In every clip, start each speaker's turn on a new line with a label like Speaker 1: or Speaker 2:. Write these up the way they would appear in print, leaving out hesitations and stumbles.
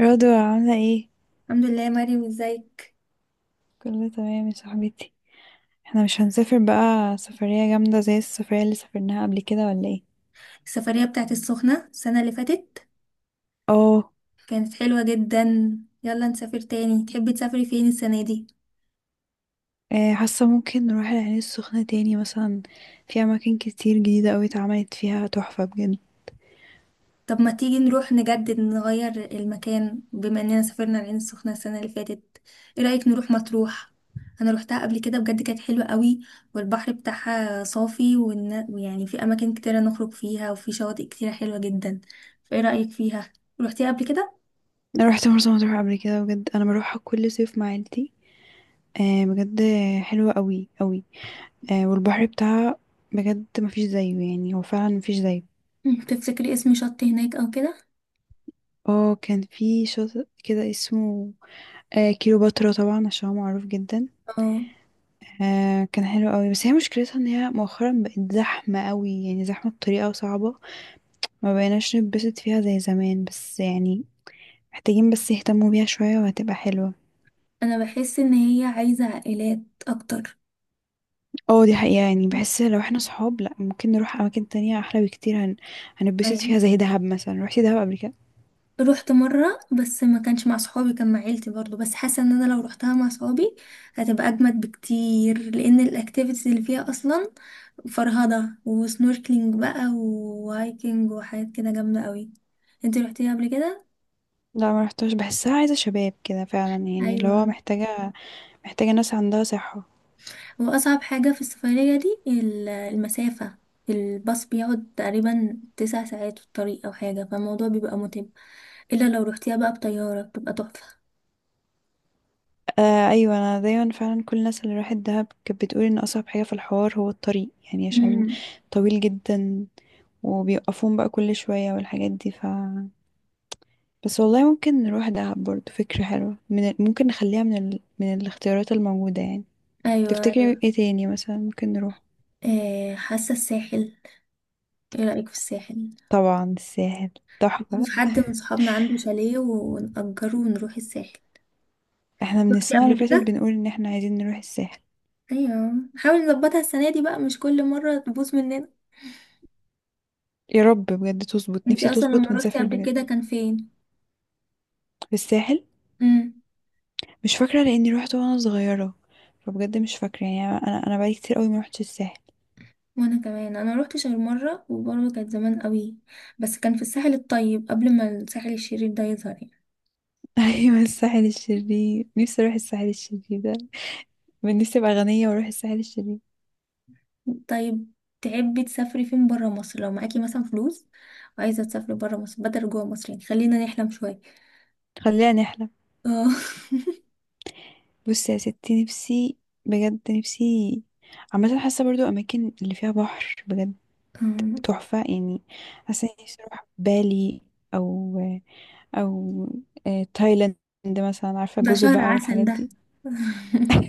Speaker 1: رضوى عاملة ايه؟
Speaker 2: الحمد لله يا مريم، ازيك؟
Speaker 1: كله تمام يا صاحبتي. احنا مش هنسافر بقى سفرية جامدة زي السفرية اللي سافرناها قبل كده ولا ايه؟
Speaker 2: السفرية بتاعت السخنة السنة اللي فاتت
Speaker 1: اه.
Speaker 2: كانت حلوة جدا. يلا نسافر تاني، تحبي تسافري فين السنة دي؟
Speaker 1: حاسة ممكن نروح العين السخنة تاني مثلا. في أماكن كتير جديدة أوي اتعملت فيها تحفة بجد.
Speaker 2: طب ما تيجي نروح نجدد نغير المكان، بما اننا سافرنا العين السخنة السنة اللي فاتت. ايه رأيك نروح مطروح؟ انا روحتها قبل كده بجد، كانت حلوة قوي. والبحر بتاعها صافي، ويعني في اماكن كتيرة نخرج فيها وفي شواطئ كتيرة حلوة جدا. فايه رأيك فيها؟ روحتيها قبل كده؟
Speaker 1: أنا روحت مرسى مطروح قبل كده بجد، أنا بروحها كل صيف مع عيلتي. آه، بجد. حلوة أوي أوي. والبحر بتاعها بجد مفيش زيه، يعني هو فعلا مفيش زيه.
Speaker 2: تفتكري اسم شط هناك او كده؟
Speaker 1: اه، كان في شاطئ كده اسمه. كيلوباترا طبعا، عشان هو معروف جدا.
Speaker 2: اه.
Speaker 1: كان حلو قوي، بس هي مشكلتها ان هي مؤخرا بقت زحمة قوي، يعني زحمة بطريقة صعبة. ما بقيناش نتبسط فيها زي زمان بس يعني، محتاجين بس يهتموا بيها شوية وهتبقى حلوة.
Speaker 2: انا بحس ان هي عايزة عائلات اكتر.
Speaker 1: اه، دي حقيقة يعني. بحس لو احنا صحاب لا، ممكن نروح اماكن تانية احلى بكتير. هنتبسط
Speaker 2: ايوه،
Speaker 1: فيها زي دهب مثلا. روحتي دهب قبل كده؟
Speaker 2: رحت مرة بس ما كانش مع صحابي، كان مع عيلتي برضو. بس حاسة ان انا لو رحتها مع صحابي هتبقى اجمد بكتير، لان الاكتيفيتيز اللي فيها اصلا فرهضة وسنوركلينج بقى وهايكنج وحاجات كده جامدة قوي. انتي رحتيها قبل كده؟
Speaker 1: لا ما رحتهاش، بحسها عايزة شباب كده فعلا، يعني اللي هو
Speaker 2: ايوه.
Speaker 1: محتاجة ناس عندها صحة.
Speaker 2: وأصعب حاجة في السفرية دي المسافة. الباص بيقعد تقريبا 9 ساعات في الطريق أو حاجة، فالموضوع بيبقى متعب. إلا لو روحتيها بقى بطيارة بتبقى تحفة.
Speaker 1: آه ايوه، انا دايما فعلا كل الناس اللي راحت دهب كانت بتقول ان اصعب حاجة في الحوار هو الطريق، يعني عشان
Speaker 2: مم.
Speaker 1: طويل جدا، وبيوقفون بقى كل شوية والحاجات دي بس والله ممكن نروح دهب برضو، فكرة حلوة ممكن نخليها من الاختيارات الموجودة يعني.
Speaker 2: أيوة.
Speaker 1: تفتكري ايه تاني مثلا ممكن نروح؟
Speaker 2: حاسة الساحل. ايه رأيك في الساحل؟
Speaker 1: طبعا الساحل تحفة.
Speaker 2: في حد من صحابنا عنده شاليه ونأجره ونروح الساحل.
Speaker 1: احنا من
Speaker 2: روحتي
Speaker 1: السنة
Speaker 2: قبل
Speaker 1: اللي فاتت
Speaker 2: كده؟
Speaker 1: بنقول ان احنا عايزين نروح الساحل.
Speaker 2: أيوة، حاول نظبطها السنة دي بقى، مش كل مرة تبوظ مننا.
Speaker 1: يا رب بجد تظبط، نفسي
Speaker 2: انتي أصلا لما
Speaker 1: تظبط
Speaker 2: روحتي
Speaker 1: ونسافر
Speaker 2: قبل
Speaker 1: بجد.
Speaker 2: كده كان فين؟
Speaker 1: الساحل.
Speaker 2: مم.
Speaker 1: مش فاكرة لاني روحت وانا صغيرة، فبجد مش فاكرة يعني. انا بقالي كتير قوي ما روحتش الساحل.
Speaker 2: وانا كمان انا روحت شرم مره وبرضه كانت زمان قوي. بس كان في الساحل الطيب قبل ما الساحل الشرير ده يظهر يعني.
Speaker 1: ايوه، الساحل الشرير، نفسي اروح الساحل الشرير ده. من نفسي ابقى غنية واروح الساحل الشرير.
Speaker 2: طيب، تحبي تسافري فين برا مصر لو معاكي مثلا فلوس، وعايزه تسافري برا مصر بدل جوا مصر، يعني خلينا نحلم شويه.
Speaker 1: خلينا نحلم.
Speaker 2: اه.
Speaker 1: بصي يا ستي، نفسي، بجد نفسي. عامة حاسة برضو أماكن اللي فيها بحر بجد تحفة يعني. حاسة إني نفسي أروح بالي. أو أو تايلاند مثلا، عارفة
Speaker 2: ده
Speaker 1: جزر
Speaker 2: شهر
Speaker 1: بقى
Speaker 2: عسل
Speaker 1: والحاجات
Speaker 2: ده.
Speaker 1: دي.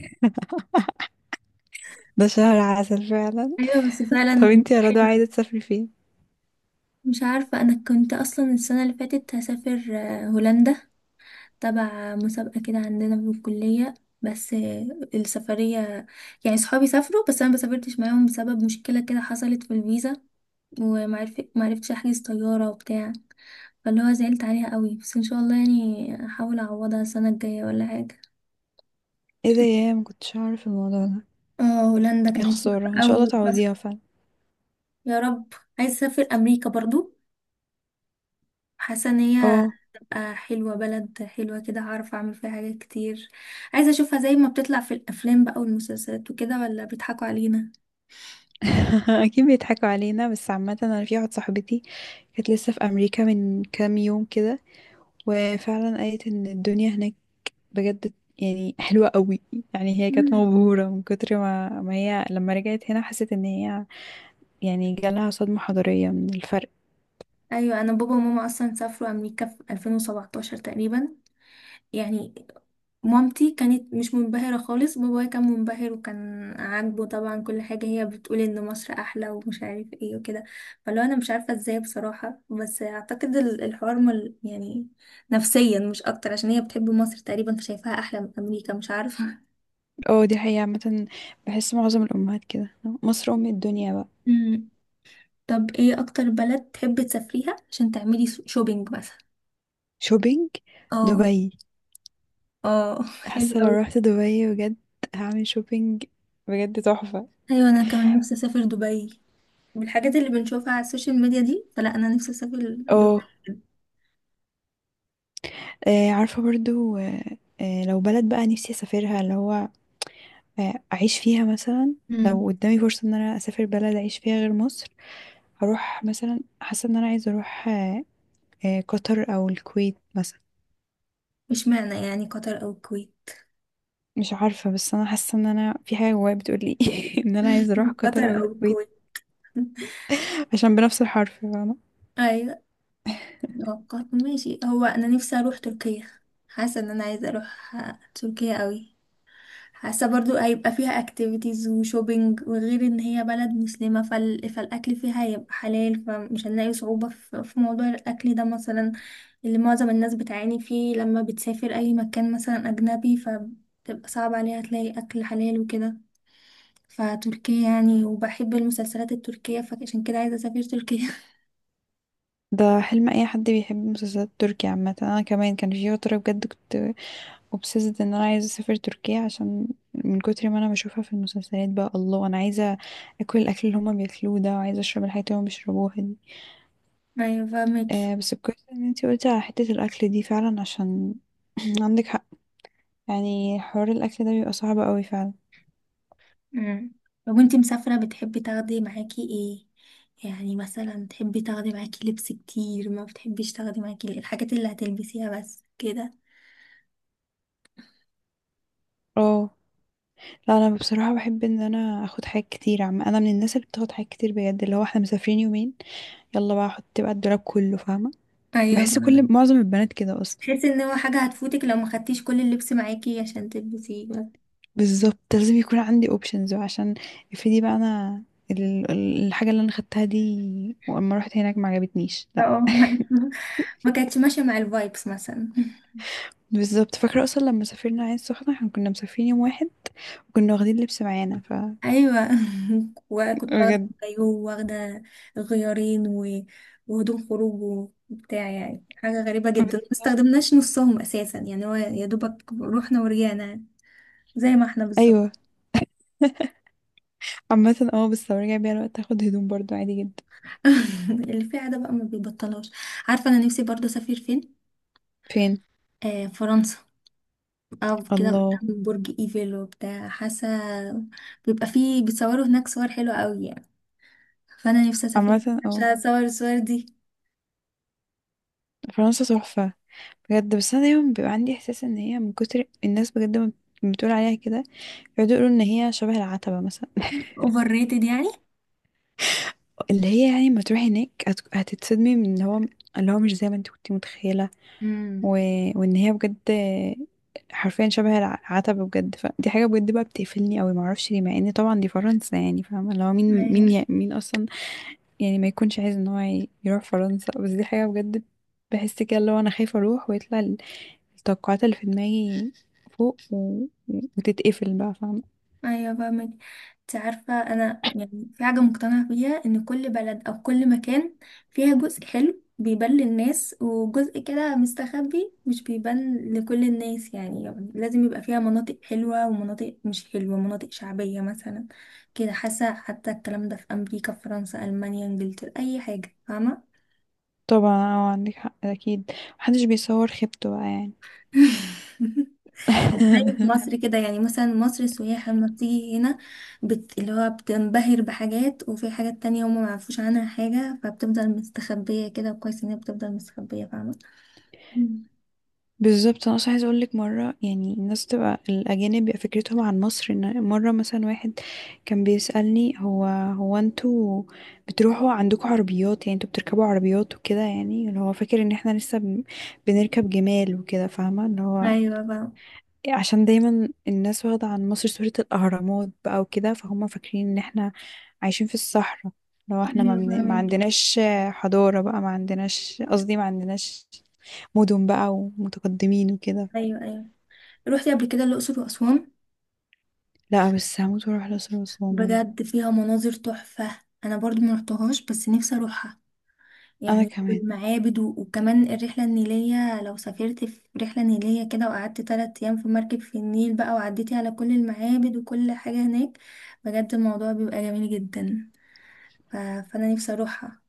Speaker 1: ده شهر عسل فعلا.
Speaker 2: ايوه بس
Speaker 1: طب
Speaker 2: فعلا
Speaker 1: انتي يا
Speaker 2: حلو.
Speaker 1: رضوى عايزة تسافري فين؟
Speaker 2: مش عارفه، انا كنت اصلا السنه اللي فاتت هسافر هولندا، تبع مسابقة كده عندنا في الكلية. بس السفرية يعني صحابي سافروا بس أنا مسافرتش معاهم بسبب مشكلة كده حصلت في الفيزا، معرفتش أحجز طيارة وبتاع، فاللي هو زعلت عليها قوي. بس إن شاء الله يعني أحاول أعوضها السنة الجاية ولا حاجة.
Speaker 1: ايه ده؟ يا، مكنتش أعرف الموضوع ده.
Speaker 2: اه، هولندا
Speaker 1: يا
Speaker 2: كانت
Speaker 1: خسارة، ان شاء الله
Speaker 2: أول بس.
Speaker 1: تعوضيها فعلا.
Speaker 2: يا رب. عايزة أسافر أمريكا برضو، حاسة إن هي
Speaker 1: اه.
Speaker 2: تبقى حلوة، بلد حلوة كده هعرف أعمل فيها حاجات كتير. عايزة أشوفها زي ما بتطلع في الأفلام بقى والمسلسلات وكده، ولا بيضحكوا علينا؟
Speaker 1: اكيد بيضحكوا علينا، بس عامة انا في واحدة صاحبتي كانت لسه في امريكا من كام يوم كده، وفعلا قالت ان الدنيا هناك بجد، يعني حلوة قوي. يعني هي كانت
Speaker 2: مم.
Speaker 1: مبهورة من كتر ما هي لما رجعت هنا حست ان هي يعني جالها صدمة حضارية من الفرق.
Speaker 2: ايوه، انا بابا وماما اصلا سافروا امريكا في 2017 تقريبا. يعني مامتي كانت مش منبهره خالص، بابايا كان منبهر وكان عاجبه طبعا كل حاجه. هي بتقول ان مصر احلى ومش عارف ايه وكده. فلو انا مش عارفه ازاي بصراحه، بس اعتقد الحوار مل يعني نفسيا مش اكتر، عشان هي بتحب مصر تقريبا فشايفاها احلى من امريكا، مش عارفه.
Speaker 1: اه، دي حقيقة عامة، بحس معظم الأمهات كده، مصر أم الدنيا بقى.
Speaker 2: مم. طب ايه اكتر بلد تحبي تسافريها عشان تعملي شوبينج مثلا؟
Speaker 1: شوبينج؟
Speaker 2: اه.
Speaker 1: دبي.
Speaker 2: اه
Speaker 1: حاسة لو
Speaker 2: حلو.
Speaker 1: رحت دبي بجد هعمل شوبينج بجد تحفة.
Speaker 2: ايوه انا كمان نفسي اسافر دبي، والحاجات اللي بنشوفها على السوشيال ميديا دي، فلا انا نفسي اسافر دبي.
Speaker 1: اه عارفة برضو، لو بلد بقى نفسي أسافرها، اللي هو اعيش فيها مثلا.
Speaker 2: امم.
Speaker 1: لو قدامي فرصة ان انا اسافر بلد اعيش فيها غير مصر، هروح مثلا. حاسة ان انا عايزة اروح قطر او الكويت مثلا.
Speaker 2: مش معنى يعني قطر او الكويت.
Speaker 1: مش عارفة بس انا حاسة ان انا في حاجة جوايا بتقولي ان انا عايزة اروح
Speaker 2: قطر
Speaker 1: قطر او
Speaker 2: او
Speaker 1: الكويت،
Speaker 2: الكويت.
Speaker 1: عشان بنفس الحرف، فاهمة؟
Speaker 2: ايوه. قطر ماشي، هو انا نفسي اروح تركيا. حاسه ان انا عايزه اروح تركيا قوي. حاسة برضو هيبقى فيها اكتيفيتيز وشوبينج، وغير ان هي بلد مسلمة فالاكل فيها هيبقى حلال، فمش هنلاقي صعوبة في موضوع الاكل ده مثلا، اللي معظم الناس بتعاني فيه لما بتسافر اي مكان مثلا اجنبي فبتبقى صعب عليها تلاقي اكل حلال وكده. فتركيا يعني، وبحب المسلسلات التركية فعشان كده عايزة اسافر تركيا.
Speaker 1: ده حلم اي حد بيحب مسلسلات تركيا. عامة انا كمان كان في فترة بجد كنت obsessed ان انا عايزة اسافر تركيا، عشان من كتر ما انا بشوفها في المسلسلات بقى، الله انا عايزة اكل الاكل اللي هما بياكلوه ده، وعايزة اشرب الحاجات اللي هما بيشربوها دي.
Speaker 2: ايوه فاهمك.
Speaker 1: آه، بس كويس ان انتي قلتي على حتة الاكل دي فعلا، عشان عندك حق. يعني حوار الاكل ده بيبقى صعب قوي فعلا.
Speaker 2: امم. لو انت مسافرة بتحبي تاخدي معاكي ايه؟ يعني مثلا تحبي تاخدي معاكي لبس كتير، ما بتحبيش تاخدي معاكي الحاجات اللي هتلبسيها بس كده.
Speaker 1: اه. لا، انا بصراحة بحب ان انا اخد حاجات كتير. عم، انا من الناس اللي بتاخد حاجات كتير بجد. اللي هو احنا مسافرين يومين، يلا بقى احط بقى الدولاب كله، فاهمة؟
Speaker 2: ايوه
Speaker 1: بحس كل
Speaker 2: فاهمة.
Speaker 1: معظم البنات كده اصلا.
Speaker 2: تحسي ان هو حاجة هتفوتك لو ما خدتيش كل اللبس معاكي عشان تلبسيه بس.
Speaker 1: بالظبط لازم يكون عندي اوبشنز، عشان افرضي بقى انا الحاجة اللي انا خدتها دي واما رحت هناك ما عجبتنيش.
Speaker 2: اه. ما كانتش ماشية مع الفايبس مثلا.
Speaker 1: بالظبط، فاكرة أصلا لما سافرنا عين السخنة احنا كنا مسافرين يوم واحد، وكنا واخدين لبس معانا
Speaker 2: ايوه. وكنت واخده
Speaker 1: بجد.
Speaker 2: كايو واخده غيارين وهدوم خروج وبتاع، يعني حاجه غريبه جدا ما
Speaker 1: بالظبط.
Speaker 2: استخدمناش نصهم اساسا، يعني هو يا دوبك رحنا ورجعنا. زي ما احنا بالظبط.
Speaker 1: أيوه. عامة بس لو رجع بيا الوقت هاخد هدوم برضو عادي جدا.
Speaker 2: اللي فيها ده بقى ما بيبطلهاش. عارفه انا نفسي برضه اسافر فين؟
Speaker 1: فين؟
Speaker 2: فرنسا، او كده
Speaker 1: الله!
Speaker 2: قدام برج ايفل وبتاع. حاسه بيبقى فيه بيتصوروا هناك صور حلوه قوي يعني. فانا نفسي اسافر
Speaker 1: عامة
Speaker 2: عشان اصور الصور دي.
Speaker 1: فرنسا تحفة بجد. بس أنا دايما بيبقى عندي إحساس إن هي من كتر الناس بجد ما بتقول عليها كده، يقعدوا يقولوا إن هي شبه العتبة مثلا.
Speaker 2: اوفر ريتد يعني.
Speaker 1: اللي هي يعني ما تروحي هناك هتتصدمي من إن هو اللي هو مش زي ما انت كنت متخيلة. و...
Speaker 2: امم.
Speaker 1: وان هي بجد حرفيا شبه العتبة بجد، فدي حاجة بجد بقى بتقفلني قوي، معرفش ليه، مع ان طبعا دي فرنسا يعني، فاهمة؟ اللي هو مين اصلا، يعني ما يكونش عايز ان هو يروح فرنسا. بس دي حاجة بجد، بحس كده اللي هو انا خايفة اروح ويطلع التوقعات اللي في دماغي فوق وتتقفل بقى، فاهمة؟
Speaker 2: ايوه فاهمك. انت عارفه، انا يعني في حاجه مقتنعه بيها ان كل بلد او كل مكان فيها جزء حلو بيبان للناس، وجزء كده مستخبي مش بيبان لكل الناس. يعني لازم يبقى فيها مناطق حلوه ومناطق مش حلوه، مناطق شعبيه مثلا كده. حاسه حتى الكلام ده في امريكا، في فرنسا، المانيا، انجلترا، اي حاجه فاهمه.
Speaker 1: طبعا عندك حق اكيد، محدش بيصور خيبته بقى يعني.
Speaker 2: زي في مصر كده، يعني مثلا مصر السياح لما بتيجي هنا اللي هو بتنبهر بحاجات، وفي حاجات تانية هما معرفوش عنها حاجة فبتفضل مستخبية. كده كويس ان هي بتفضل مستخبية، فاهمة. مم.
Speaker 1: بالظبط، انا اصلا عايزه اقول لك مره، يعني الناس، تبقى الاجانب بيبقى فكرتهم عن مصر ان مره مثلا واحد كان بيسالني، هو انتوا بتروحوا عندكم عربيات، يعني انتوا بتركبوا عربيات وكده، يعني اللي هو فاكر ان احنا لسه بنركب جمال وكده، فاهمه؟ اللي هو
Speaker 2: ايوه بقى.
Speaker 1: عشان دايما الناس واخده عن مصر صوره الاهرامات بقى وكده، فهم فاكرين ان احنا عايشين في الصحراء، لو احنا
Speaker 2: ايوه
Speaker 1: ما
Speaker 2: فاهمك.
Speaker 1: عندناش حضاره بقى، ما عندناش، قصدي ما عندناش مدن بقى ومتقدمين وكده.
Speaker 2: ايوه، ايوه. روحتي قبل كده الأقصر وأسوان؟
Speaker 1: لا، بس هموت واروح الأقصر وأسوان بجد.
Speaker 2: بجد فيها مناظر تحفة، انا برضو ما رحتهاش بس نفسي اروحها
Speaker 1: أنا
Speaker 2: يعني.
Speaker 1: كمان،
Speaker 2: والمعابد وكمان الرحلة النيلية، لو سافرت في رحلة نيلية كده وقعدت 3 أيام في مركب في النيل بقى وعديتي على كل المعابد وكل حاجة هناك، بجد الموضوع بيبقى جميل جدا. فأنا نفسي أروحها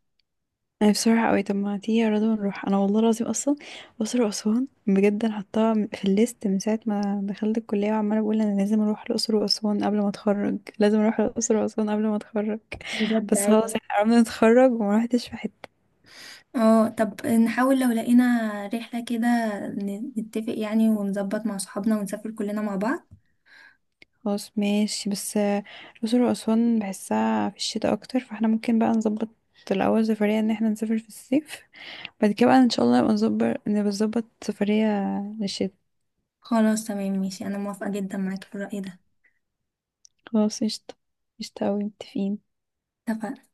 Speaker 1: أنا بصراحة أوي. طب ما تيجي يا رضوى نروح؟ أنا والله العظيم أصلا الأقصر وأسوان بجد، أنا حطاها في الليست من ساعة ما دخلت الكلية، وعمالة بقول أنا لازم أروح الأقصر وأسوان قبل ما أتخرج، لازم أروح الأقصر وأسوان قبل ما أتخرج.
Speaker 2: بجد.
Speaker 1: بس
Speaker 2: أيوة،
Speaker 1: خلاص احنا قربنا نتخرج وما روحتش في حتة.
Speaker 2: اه طب نحاول لو لقينا رحلة كده نتفق يعني، ونظبط مع صحابنا ونسافر كلنا مع بعض.
Speaker 1: خلاص ماشي، بس الأقصر وأسوان بحسها في الشتاء أكتر، فاحنا ممكن بقى نظبط الأول سفرية إن احنا نسافر في الصيف، بعد كده بقى إن شاء الله نبقى نظبط سفرية للشتاء.
Speaker 2: خلاص تمام ماشي، أنا موافقة جدا معاك في الرأي ده.
Speaker 1: خلاص قشطة. قشطة أوي، متفقين.
Speaker 2: اتفقنا.